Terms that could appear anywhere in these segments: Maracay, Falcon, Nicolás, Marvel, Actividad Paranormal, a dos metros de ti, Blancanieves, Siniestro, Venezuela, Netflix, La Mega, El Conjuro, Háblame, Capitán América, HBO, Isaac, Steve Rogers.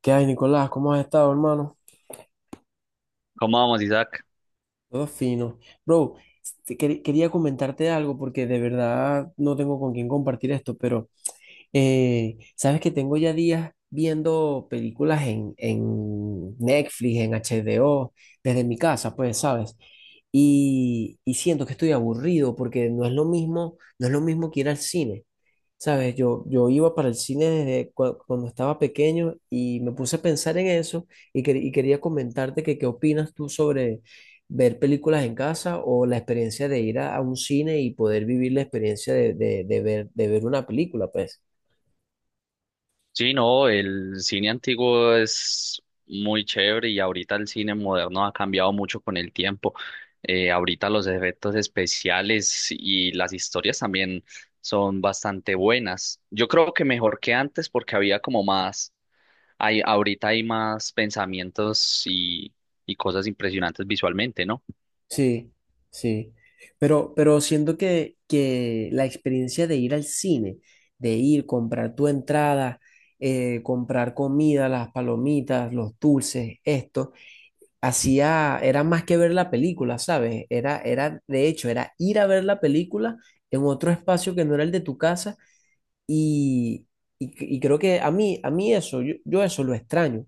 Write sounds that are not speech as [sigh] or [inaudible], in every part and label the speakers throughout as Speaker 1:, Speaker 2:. Speaker 1: ¿Qué hay, Nicolás? ¿Cómo has estado, hermano?
Speaker 2: ¿Cómo vamos, Isaac?
Speaker 1: Todo fino. Bro, quería comentarte algo porque de verdad no tengo con quién compartir esto, pero sabes que tengo ya días viendo películas en Netflix, en HBO, desde mi casa, pues, ¿sabes? Y siento que estoy aburrido porque no es lo mismo, no es lo mismo que ir al cine. Sabes, yo iba para el cine cuando estaba pequeño y me puse a pensar en eso y, quería comentarte que qué opinas tú sobre ver películas en casa o la experiencia de ir a un cine y poder vivir la experiencia de ver una película, pues.
Speaker 2: Sí, no, el cine antiguo es muy chévere y ahorita el cine moderno ha cambiado mucho con el tiempo. Ahorita los efectos especiales y las historias también son bastante buenas. Yo creo que mejor que antes porque había como más, hay, ahorita hay más pensamientos y cosas impresionantes visualmente, ¿no?
Speaker 1: Sí, sí. Pero siento que la experiencia de ir al cine, de ir, comprar tu entrada, comprar comida, las palomitas, los dulces, esto. Hacía, era más que ver la película, ¿sabes? Era, era, de hecho, era ir a ver la película en otro espacio que no era el de tu casa y, y creo que a mí eso, yo eso lo extraño,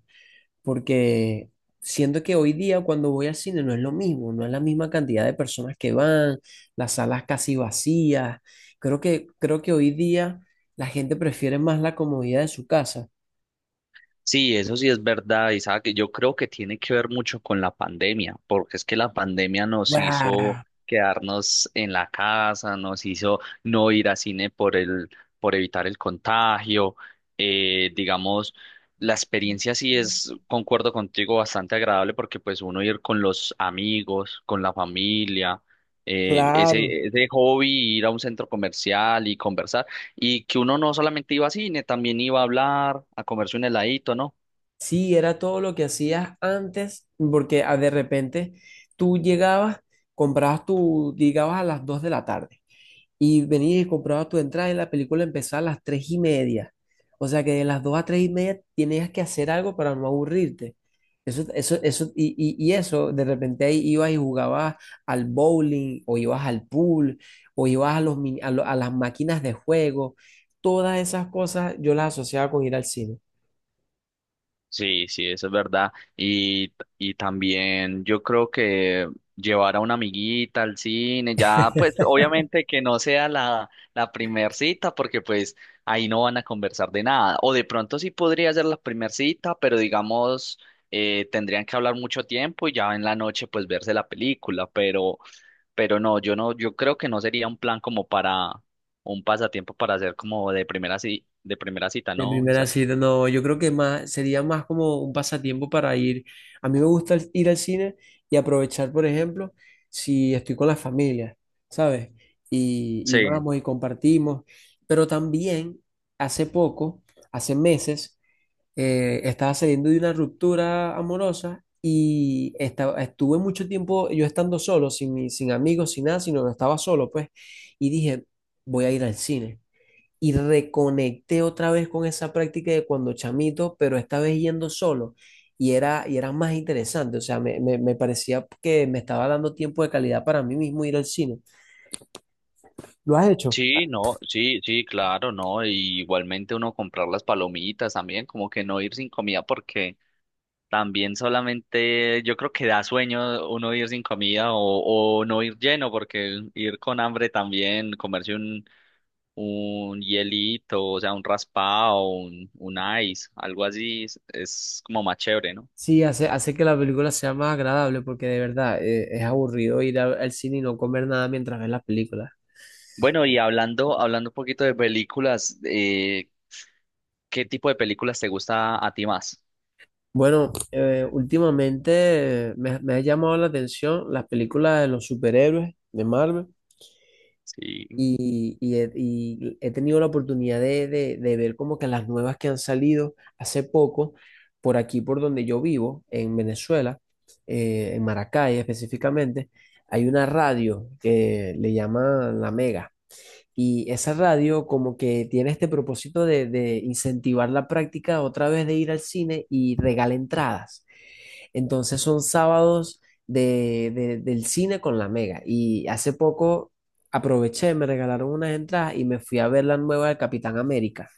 Speaker 1: porque siento que hoy día cuando voy al cine no es lo mismo, no es la misma cantidad de personas que van, las salas casi vacías, creo que hoy día la gente prefiere más la comodidad de su casa.
Speaker 2: Sí, eso sí es verdad, Isaac. Yo creo que tiene que ver mucho con la pandemia, porque es que la pandemia nos hizo
Speaker 1: ¡Guau!
Speaker 2: quedarnos en la casa, nos hizo no ir a cine por evitar el contagio. Digamos, la experiencia sí es, concuerdo contigo, bastante agradable porque pues uno ir con los amigos, con la familia,
Speaker 1: Claro.
Speaker 2: ese hobby, ir a un centro comercial y conversar y que uno no solamente iba a cine, también iba a hablar, a comerse un heladito, ¿no?
Speaker 1: Sí, era todo lo que hacías antes, porque ah, de repente tú llegabas, comprabas tu, llegabas a las 2 de la tarde y venías y comprabas tu entrada y la película empezaba a las 3 y media. O sea que de las 2 a 3 y media tenías que hacer algo para no aburrirte. Eso, y eso, de repente ahí ibas y jugabas al bowling o ibas al pool o ibas a, los, a las máquinas de juego. Todas esas cosas yo las asociaba con ir al cine.
Speaker 2: Sí, sí, eso es verdad. Y también yo creo que llevar a una amiguita al cine, ya pues obviamente que no sea la primer cita, porque pues ahí no van a conversar de nada. O de pronto sí podría ser la primer cita, pero digamos, tendrían que hablar mucho tiempo y ya en la noche pues verse la película, pero... Pero no, yo no, yo creo que no sería un plan como para un pasatiempo para hacer como de primera cita,
Speaker 1: De
Speaker 2: ¿no,
Speaker 1: primera
Speaker 2: Isaac?
Speaker 1: cita, no, yo creo que más, sería más como un pasatiempo para ir. A mí me gusta ir al cine y aprovechar, por ejemplo, si estoy con la familia, ¿sabes? Y
Speaker 2: Sí,
Speaker 1: vamos y compartimos. Pero también, hace poco, hace meses, estaba saliendo de una ruptura amorosa y estaba, estuve mucho tiempo yo estando solo, sin, sin amigos, sin nada, sino que estaba solo, pues, y dije, voy a ir al cine y reconecté otra vez con esa práctica de cuando chamito, pero esta vez yendo solo. Y era más interesante, o sea, me parecía que me estaba dando tiempo de calidad para mí mismo ir al cine. ¿Lo has hecho?
Speaker 2: sí, no, sí, sí, claro, no. Y igualmente uno comprar las palomitas también, como que no ir sin comida porque también solamente yo creo que da sueño uno ir sin comida o no ir lleno porque ir con hambre también, comerse un hielito, o sea, un raspado, un ice, algo así es como más chévere, ¿no?
Speaker 1: Sí, hace, hace que la película sea más agradable porque de verdad es aburrido ir al cine y no comer nada mientras ves la película.
Speaker 2: Bueno, y hablando, hablando un poquito de películas, ¿qué tipo de películas te gusta a ti más?
Speaker 1: Bueno, últimamente me, me ha llamado la atención las películas de los superhéroes de Marvel.
Speaker 2: Sí,
Speaker 1: Y, y he tenido la oportunidad de, de ver como que las nuevas que han salido hace poco, por aquí, por donde yo vivo, en Venezuela, en Maracay específicamente, hay una radio que le llaman La Mega. Y esa radio como que tiene este propósito de incentivar la práctica otra vez de ir al cine y regala entradas. Entonces son sábados de, del cine con la Mega. Y hace poco aproveché, me regalaron unas entradas y me fui a ver la nueva de Capitán América.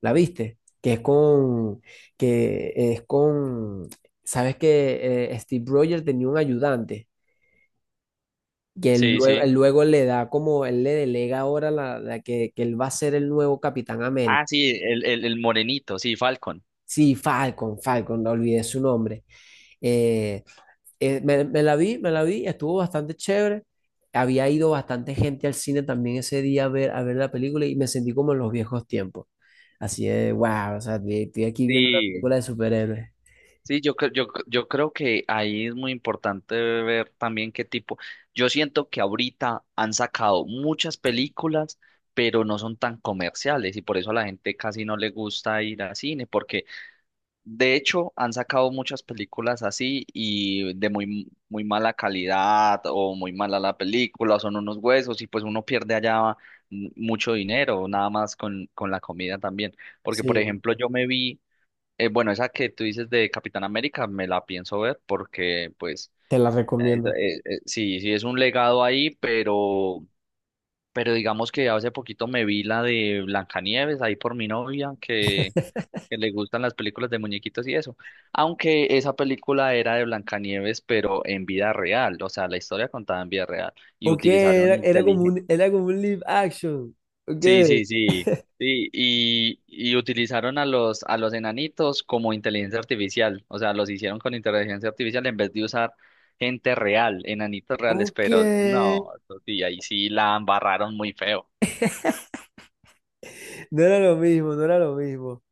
Speaker 1: ¿La viste? Que es con, sabes que Steve Rogers tenía un ayudante, que
Speaker 2: sí, sí.
Speaker 1: él luego le da como, él le delega ahora la, la que él va a ser el nuevo Capitán
Speaker 2: Ah,
Speaker 1: América.
Speaker 2: sí, el morenito, sí, Falcon.
Speaker 1: Sí, Falcon, Falcon, no olvidé su nombre. Eh, me, me la vi, estuvo bastante chévere. Había ido bastante gente al cine también ese día a ver la película y me sentí como en los viejos tiempos. Así de, wow, o sea, estoy aquí viendo una
Speaker 2: Sí,
Speaker 1: película de superhéroes.
Speaker 2: sí, yo, yo creo que ahí es muy importante ver también qué tipo. Yo siento que ahorita han sacado muchas películas, pero no son tan comerciales y por eso a la gente casi no le gusta ir al cine, porque de hecho, han sacado muchas películas así y de muy, muy mala calidad o muy mala la película, o son unos huesos y pues uno pierde allá mucho dinero, nada más con la comida también. Porque, por
Speaker 1: Sí,
Speaker 2: ejemplo, yo me vi, bueno, esa que tú dices de Capitán América, me la pienso ver porque pues
Speaker 1: te la recomiendo.
Speaker 2: sí, sí es un legado ahí, pero digamos que hace poquito me vi la de Blancanieves ahí por mi novia, que le gustan las películas de muñequitos y eso. Aunque esa película era de Blancanieves, pero en vida real, o sea, la historia contada en vida real y
Speaker 1: Ok, era,
Speaker 2: utilizaron inteligencia.
Speaker 1: era como un live action. Ok,
Speaker 2: Sí, sí, sí. Sí, y utilizaron a los enanitos como inteligencia artificial, o sea, los hicieron con inteligencia artificial en vez de usar gente real, enanitos reales,
Speaker 1: ok.
Speaker 2: pero no, eso sí, ahí sí la embarraron muy feo.
Speaker 1: No era lo mismo, no era lo mismo.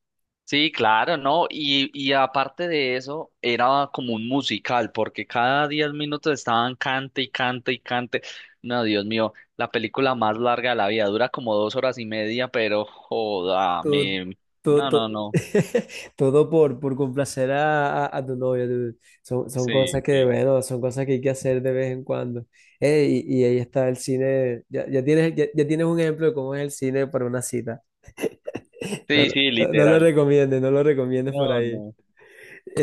Speaker 2: Sí, claro, ¿no? Y aparte de eso, era como un musical, porque cada 10 minutos estaban cante y cante y cante. No, Dios mío, la película más larga de la vida dura como dos horas y media, pero joda,
Speaker 1: Todo,
Speaker 2: me...
Speaker 1: todo,
Speaker 2: No,
Speaker 1: todo,
Speaker 2: no, no.
Speaker 1: [laughs] todo por complacer a tu novia. Dude. Son, son cosas
Speaker 2: Sí,
Speaker 1: que,
Speaker 2: sí.
Speaker 1: bueno, son cosas que hay que hacer de vez en cuando. Y ahí está el cine. Ya, ya tienes un ejemplo de cómo es el cine para una cita. [laughs] No,
Speaker 2: Sí, sí,
Speaker 1: no, no lo
Speaker 2: literal.
Speaker 1: recomiendes, no lo recomiendes por
Speaker 2: No,
Speaker 1: ahí.
Speaker 2: no.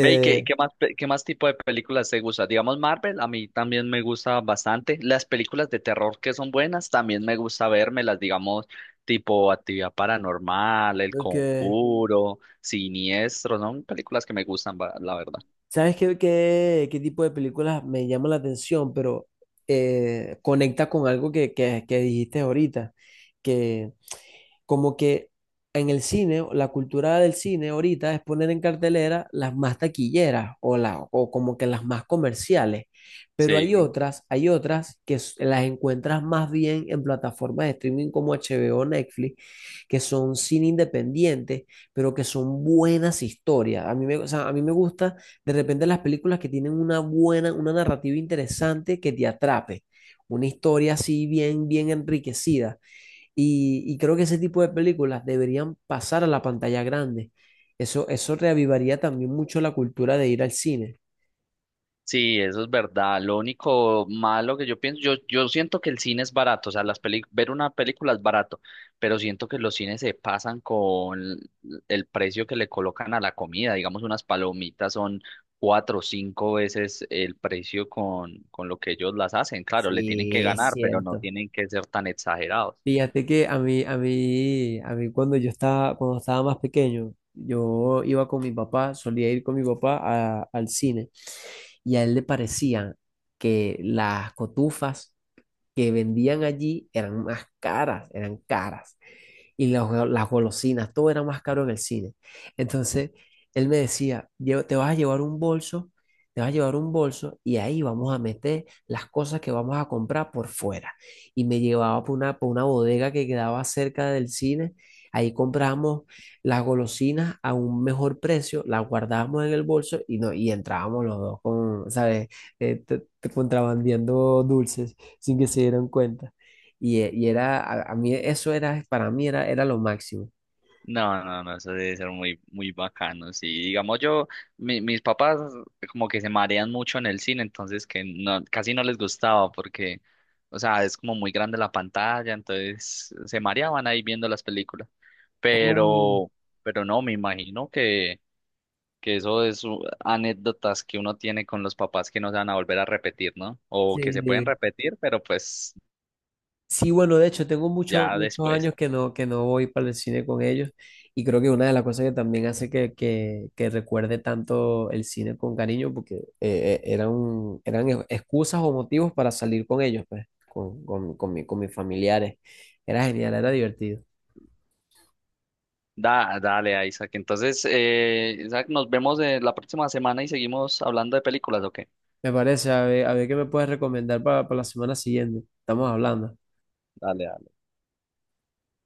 Speaker 2: Ve, ¿y qué, qué más tipo de películas te gusta? Digamos, Marvel, a mí también me gusta bastante. Las películas de terror que son buenas, también me gusta las digamos, tipo Actividad Paranormal, El
Speaker 1: ok.
Speaker 2: Conjuro, Siniestro, son películas que me gustan, la verdad.
Speaker 1: ¿Sabes qué, qué, qué tipo de películas me llama la atención? Pero conecta con algo que dijiste ahorita, que como que en el cine, la cultura del cine ahorita es poner en cartelera las más taquilleras o, la, o como que las más comerciales, pero
Speaker 2: Sí.
Speaker 1: hay otras las encuentras más bien en plataformas de streaming como HBO, Netflix, que son cine independiente, pero que son buenas historias. A mí me, o sea, a mí me gusta de repente las películas que tienen una buena, una narrativa interesante que te atrape, una historia así bien, bien enriquecida. Y creo que ese tipo de películas deberían pasar a la pantalla grande. Eso reavivaría también mucho la cultura de ir al cine.
Speaker 2: Sí, eso es verdad. Lo único malo que yo pienso, yo siento que el cine es barato, o sea, ver una película es barato, pero siento que los cines se pasan con el precio que le colocan a la comida. Digamos, unas palomitas son cuatro o cinco veces el precio con lo que ellos las hacen. Claro, le tienen que
Speaker 1: Sí, es
Speaker 2: ganar, pero no
Speaker 1: cierto.
Speaker 2: tienen que ser tan exagerados.
Speaker 1: Fíjate que a mí, a mí, a mí cuando yo estaba, cuando estaba más pequeño, yo iba con mi papá, solía ir con mi papá al cine y a él le parecían que las cotufas que vendían allí eran más caras, eran caras y las, las golosinas, todo era más caro en el cine. Entonces, él me decía, te vas a llevar un bolso, te vas a llevar un bolso y ahí vamos a meter las cosas que vamos a comprar por fuera. Y me llevaba por una bodega que quedaba cerca del cine. Ahí compramos las golosinas a un mejor precio, las guardábamos en el bolso y, no, y entrábamos los dos con, ¿sabes? Te contrabandeando dulces sin que se dieran cuenta. Y, y era, a mí eso era, para mí era, era lo máximo.
Speaker 2: No, no, no, eso debe ser muy, muy bacano. Sí, digamos yo, mis papás como que se marean mucho en el cine, entonces que no, casi no les gustaba porque, o sea, es como muy grande la pantalla, entonces se mareaban ahí viendo las películas.
Speaker 1: Oh,
Speaker 2: Pero, pero no, me imagino que eso es anécdotas que uno tiene con los papás que no se van a volver a repetir, ¿no? O que se pueden
Speaker 1: sí.
Speaker 2: repetir, pero pues
Speaker 1: Sí, bueno, de hecho, tengo muchos,
Speaker 2: ya
Speaker 1: muchos
Speaker 2: después.
Speaker 1: años que no voy para el cine con ellos y creo que una de las cosas que también hace que recuerde tanto el cine con cariño, porque eran, eran excusas o motivos para salir con ellos, pues, con, con mis familiares. Era genial, era divertido.
Speaker 2: Da, dale, Isaac. Entonces, Isaac, nos vemos la próxima semana y seguimos hablando de películas, ¿o qué?
Speaker 1: Me parece, a ver qué me puedes recomendar para la semana siguiente. Estamos hablando.
Speaker 2: Dale,